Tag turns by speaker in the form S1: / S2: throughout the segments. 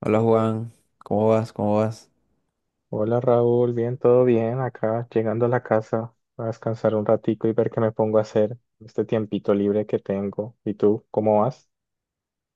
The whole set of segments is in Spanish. S1: Hola Juan, ¿cómo vas?
S2: Hola Raúl, bien, todo bien acá, llegando a la casa a descansar un ratico y ver qué me pongo a hacer en este tiempito libre que tengo. ¿Y tú, cómo vas?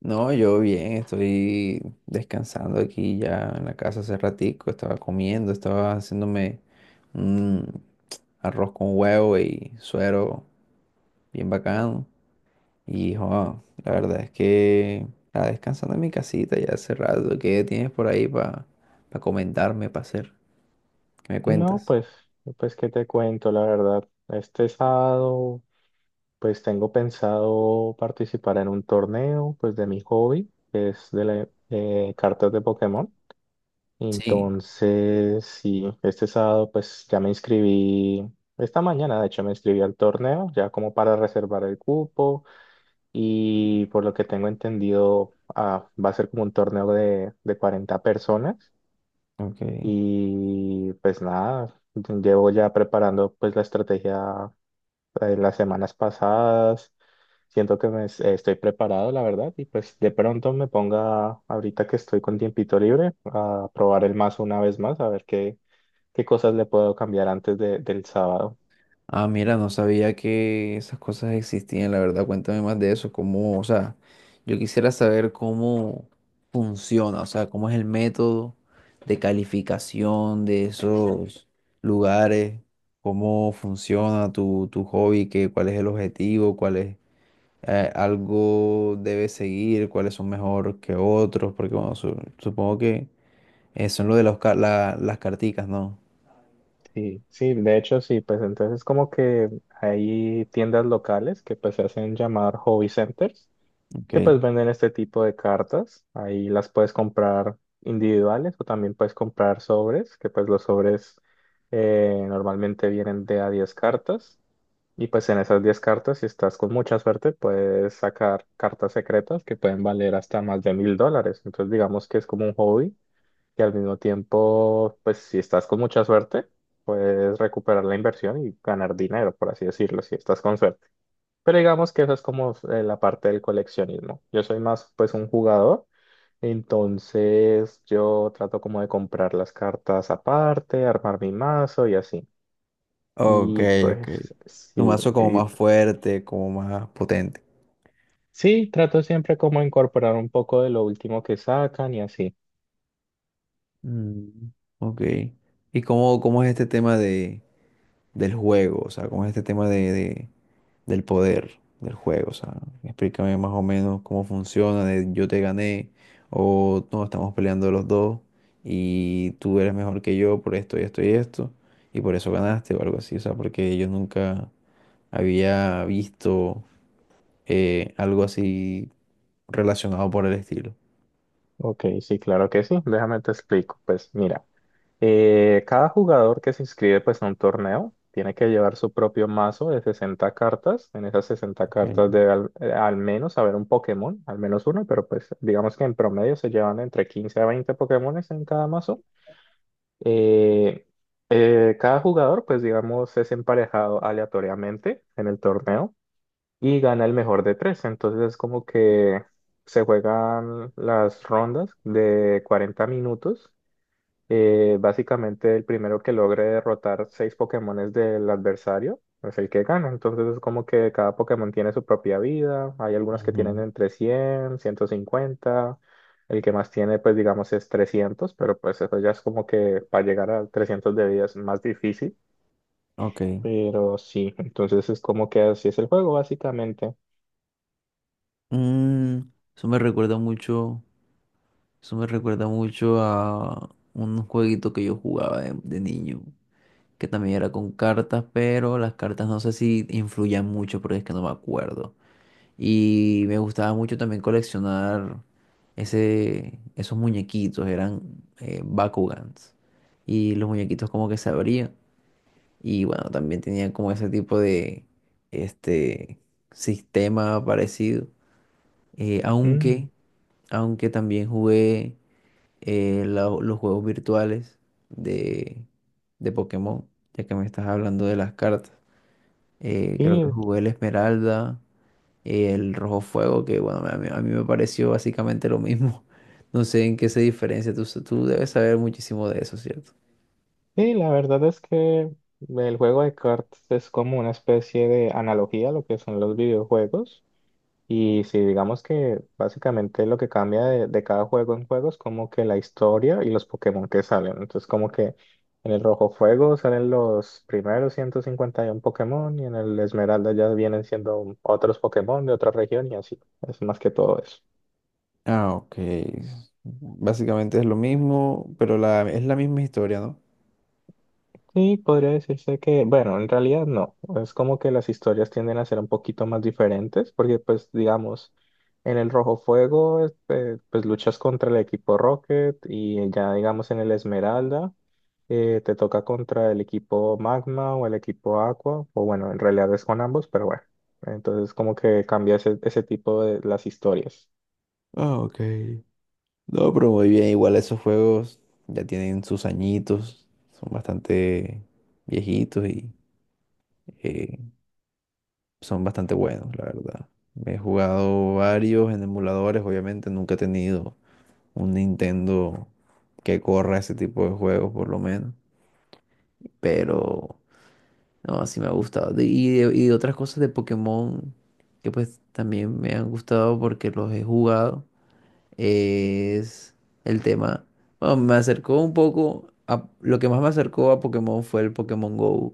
S1: No, yo bien, estoy descansando aquí ya en la casa hace ratico, estaba comiendo, estaba haciéndome un arroz con huevo y suero bien bacano. Y jo, la verdad es que estaba descansando en mi casita ya hace rato. ¿Qué tienes por ahí para comentarme, para hacer? ¿Qué me
S2: No,
S1: cuentas?
S2: pues qué te cuento, la verdad. Este sábado, pues tengo pensado participar en un torneo, pues de mi hobby, que es de cartas de Pokémon.
S1: Sí.
S2: Entonces, sí, este sábado, pues ya me inscribí, esta mañana, de hecho, me inscribí al torneo, ya como para reservar el cupo. Y por lo que tengo entendido, va a ser como un torneo de 40 personas,
S1: Ok.
S2: y pues nada, llevo ya preparando pues la estrategia las semanas pasadas. Siento que estoy preparado, la verdad, y pues de pronto me ponga ahorita que estoy con tiempito libre a probar el mazo una vez más, a ver qué cosas le puedo cambiar antes del sábado.
S1: Ah, mira, no sabía que esas cosas existían, la verdad. Cuéntame más de eso, cómo, o sea, yo quisiera saber cómo funciona, o sea, cómo es el método de calificación de esos lugares, cómo funciona tu hobby, qué, cuál es el objetivo, cuál es, algo debe seguir, cuáles son mejor que otros, porque bueno, supongo que eso es lo de los las carticas, ¿no?
S2: Sí, sí, de hecho sí, pues entonces como que hay tiendas locales que pues se hacen llamar hobby centers,
S1: Ok.
S2: que pues venden este tipo de cartas. Ahí las puedes comprar individuales o también puedes comprar sobres, que pues los sobres normalmente vienen de a 10 cartas, y pues en esas 10 cartas, si estás con mucha suerte, puedes sacar cartas secretas que pueden valer hasta más de 1000 dólares. Entonces digamos que es como un hobby que al mismo tiempo, pues si estás con mucha suerte, puedes recuperar la inversión y ganar dinero, por así decirlo, si estás con suerte. Pero digamos que eso es como la parte del coleccionismo. Yo soy más pues un jugador, entonces yo trato como de comprar las cartas aparte, armar mi mazo y así.
S1: Ok,
S2: Y
S1: ok.
S2: pues
S1: Tu
S2: sí,
S1: mazo como
S2: y-
S1: más fuerte, como más potente.
S2: sí, trato siempre como incorporar un poco de lo último que sacan y así.
S1: Mm. Ok. ¿Y cómo, cómo es este tema de, del juego? O sea, ¿cómo es este tema de, del poder del juego? O sea, explícame más o menos cómo funciona, de yo te gané, o no, estamos peleando los dos, y tú eres mejor que yo por esto y esto y esto, y por eso ganaste o algo así. O sea, porque yo nunca había visto algo así relacionado por el estilo.
S2: Ok, sí, claro que sí. Déjame te explico. Pues mira. Cada jugador que se inscribe pues a un torneo tiene que llevar su propio mazo de 60 cartas. En esas sesenta
S1: Okay.
S2: cartas debe al menos haber un Pokémon, al menos uno, pero pues digamos que en promedio se llevan entre 15 a 20 Pokémones en cada mazo. Eh, Cada jugador pues digamos es emparejado aleatoriamente en el torneo y gana el mejor de tres. Entonces es como que se juegan las rondas de 40 minutos. Básicamente, el primero que logre derrotar seis Pokémones del adversario es el que gana. Entonces, es como que cada Pokémon tiene su propia vida. Hay algunos que tienen
S1: Ujú,
S2: entre 100 150. El que más tiene, pues digamos, es trescientos, pero pues eso ya es como que para llegar a 300 de vida es más difícil.
S1: ok.
S2: Pero sí, entonces es como que así es el juego, básicamente.
S1: Mm, eso me recuerda mucho, eso me recuerda mucho a un jueguito que yo jugaba de niño, que también era con cartas, pero las cartas no sé si influían mucho porque es que no me acuerdo. Y me gustaba mucho también coleccionar ese, esos muñequitos, eran Bakugans. Y los muñequitos como que se abrían. Y bueno, también tenían como ese tipo de, este, sistema parecido. Eh,
S2: Mm.
S1: aunque, aunque también jugué los juegos virtuales de, de Pokémon, ya que me estás hablando de las cartas. Creo que
S2: Y,
S1: jugué el Esmeralda, el Rojo Fuego, que bueno, a mí me pareció básicamente lo mismo. No sé en qué se diferencia. Tú, tú debes saber muchísimo de eso, ¿cierto?
S2: y la verdad es que el juego de cartas es como una especie de analogía a lo que son los videojuegos. Y si digamos que básicamente lo que cambia de cada juego en juego es como que la historia y los Pokémon que salen. Entonces como que en el Rojo Fuego salen los primeros 151 Pokémon y en el Esmeralda ya vienen siendo otros Pokémon de otra región y así. Es más que todo eso.
S1: Ah, ok. Básicamente es lo mismo, pero la, es la misma historia, ¿no?
S2: Sí, podría decirse que, bueno, en realidad no. Es como que las historias tienden a ser un poquito más diferentes, porque pues digamos, en el Rojo Fuego, este, pues luchas contra el equipo Rocket, y ya digamos en el Esmeralda, te toca contra el equipo Magma o el equipo Aqua, o bueno, en realidad es con ambos, pero bueno, entonces como que cambia ese tipo de las historias.
S1: Ah, ok. No, pero muy bien, igual esos juegos ya tienen sus añitos, son bastante viejitos y eh, son bastante buenos, la verdad. He jugado varios en emuladores, obviamente nunca he tenido un Nintendo que corra ese tipo de juegos por lo menos, pero no, así me ha gustado. Y de otras cosas de Pokémon que pues también me han gustado porque los he jugado es el tema. Bueno, me acercó un poco a, lo que más me acercó a Pokémon fue el Pokémon Go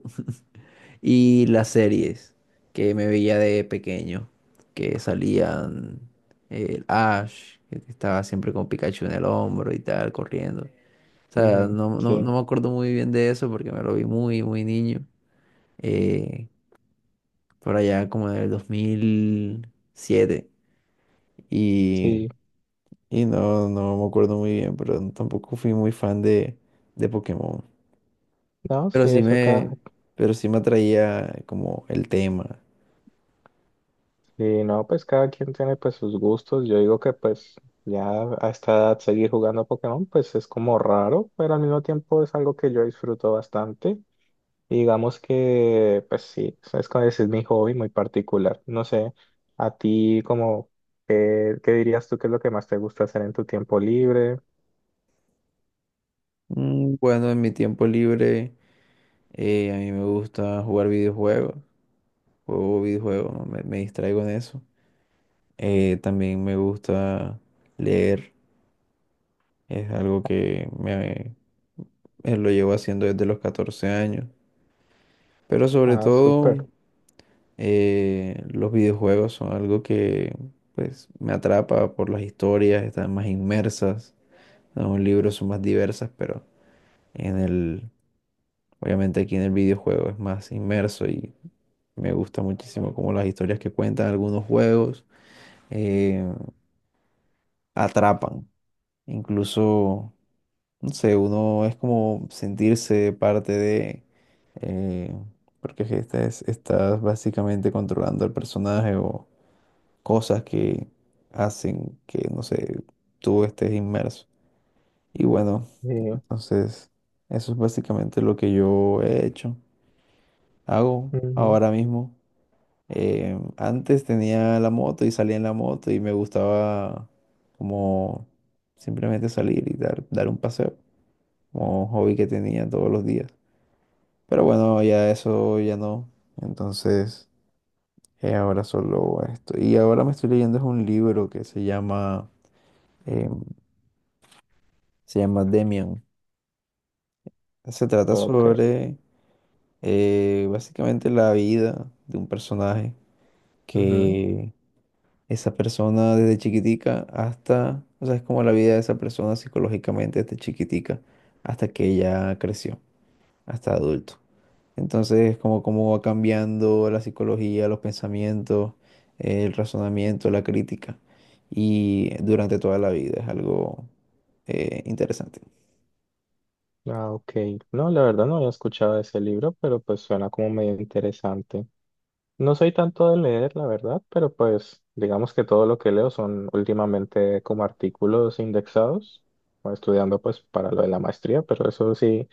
S1: y las series que me veía de pequeño, que salían el Ash, que estaba siempre con Pikachu en el hombro y tal, corriendo. O sea,
S2: Ujú.
S1: no, no, no
S2: Sí,
S1: me acuerdo muy bien de eso porque me lo vi muy, muy niño, eh, por allá como en el 2007. Y
S2: sí,
S1: Y no, no me acuerdo muy bien, pero tampoco fui muy fan de Pokémon.
S2: no,
S1: Pero
S2: sí,
S1: sí
S2: eso acá.
S1: me, pero sí me atraía como el tema.
S2: Y no, pues cada quien tiene pues sus gustos. Yo digo que pues ya a esta edad seguir jugando Pokémon pues es como raro, pero al mismo tiempo es algo que yo disfruto bastante. Y digamos que pues sí, es como ese es mi hobby muy particular. No sé, a ti como, ¿qué dirías tú que es lo que más te gusta hacer en tu tiempo libre?
S1: Bueno, en mi tiempo libre a mí me gusta jugar videojuegos. Juego videojuegos, ¿no? Me distraigo en eso. También me gusta leer. Es algo que me, lo llevo haciendo desde los 14 años. Pero sobre
S2: Ah, súper.
S1: todo los videojuegos son algo que pues me atrapa por las historias, están más inmersas. Los libros son más diversas, pero en el, obviamente aquí en el videojuego es más inmerso y me gusta muchísimo como las historias que cuentan algunos juegos eh, atrapan. Incluso, no sé, uno es como sentirse parte de, eh, porque es que estás, estás básicamente controlando al personaje o cosas que hacen que, no sé, tú estés inmerso. Y bueno,
S2: Sí.
S1: entonces eso es básicamente lo que yo he hecho, hago
S2: Ujú.
S1: ahora mismo. Antes tenía la moto y salía en la moto y me gustaba como simplemente salir y dar, dar un paseo, como un hobby que tenía todos los días. Pero bueno, ya eso ya no. Entonces, ahora solo esto. Y ahora me estoy leyendo es un libro que se llama em, se llama Demian. Se trata
S2: Ok.
S1: sobre básicamente la vida de un personaje
S2: Ujú.
S1: que esa persona desde chiquitica hasta, o sea, es como la vida de esa persona psicológicamente desde chiquitica hasta que ella creció, hasta adulto. Entonces es como cómo va cambiando la psicología, los pensamientos, el razonamiento, la crítica y durante toda la vida es algo interesante.
S2: Ah, ok. No, la verdad no había escuchado de ese libro, pero pues suena como medio interesante. No soy tanto de leer, la verdad, pero pues digamos que todo lo que leo son últimamente como artículos indexados, o estudiando pues para lo de la maestría, pero eso sí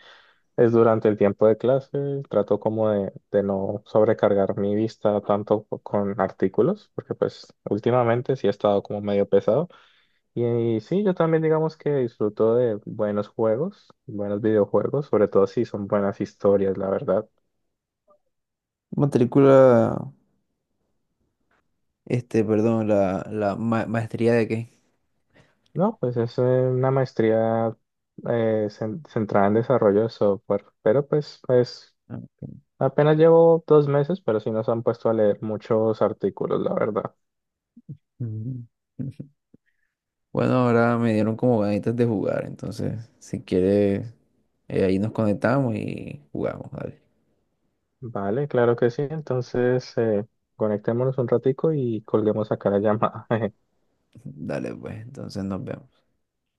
S2: es durante el tiempo de clase. Trato como de no sobrecargar mi vista tanto con artículos, porque pues últimamente sí he estado como medio pesado. Y, y sí, yo también digamos que disfruto de buenos juegos, buenos videojuegos, sobre todo si son buenas historias, la verdad.
S1: Matrícula Este, perdón, la, maestría de qué.
S2: No, pues es una maestría eh, centrada en desarrollo de software, pero pues
S1: Ah, ok.
S2: apenas llevo 2 meses, pero sí nos han puesto a leer muchos artículos, la verdad.
S1: Ujú. Bueno, ahora me dieron como ganitas de jugar, entonces, si quieres, ahí nos conectamos y jugamos, dale.
S2: Vale, claro que sí. Entonces, conectémonos un ratico y colguemos acá la llamada.
S1: Dale, pues, entonces nos vemos.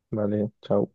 S2: Vale, chao.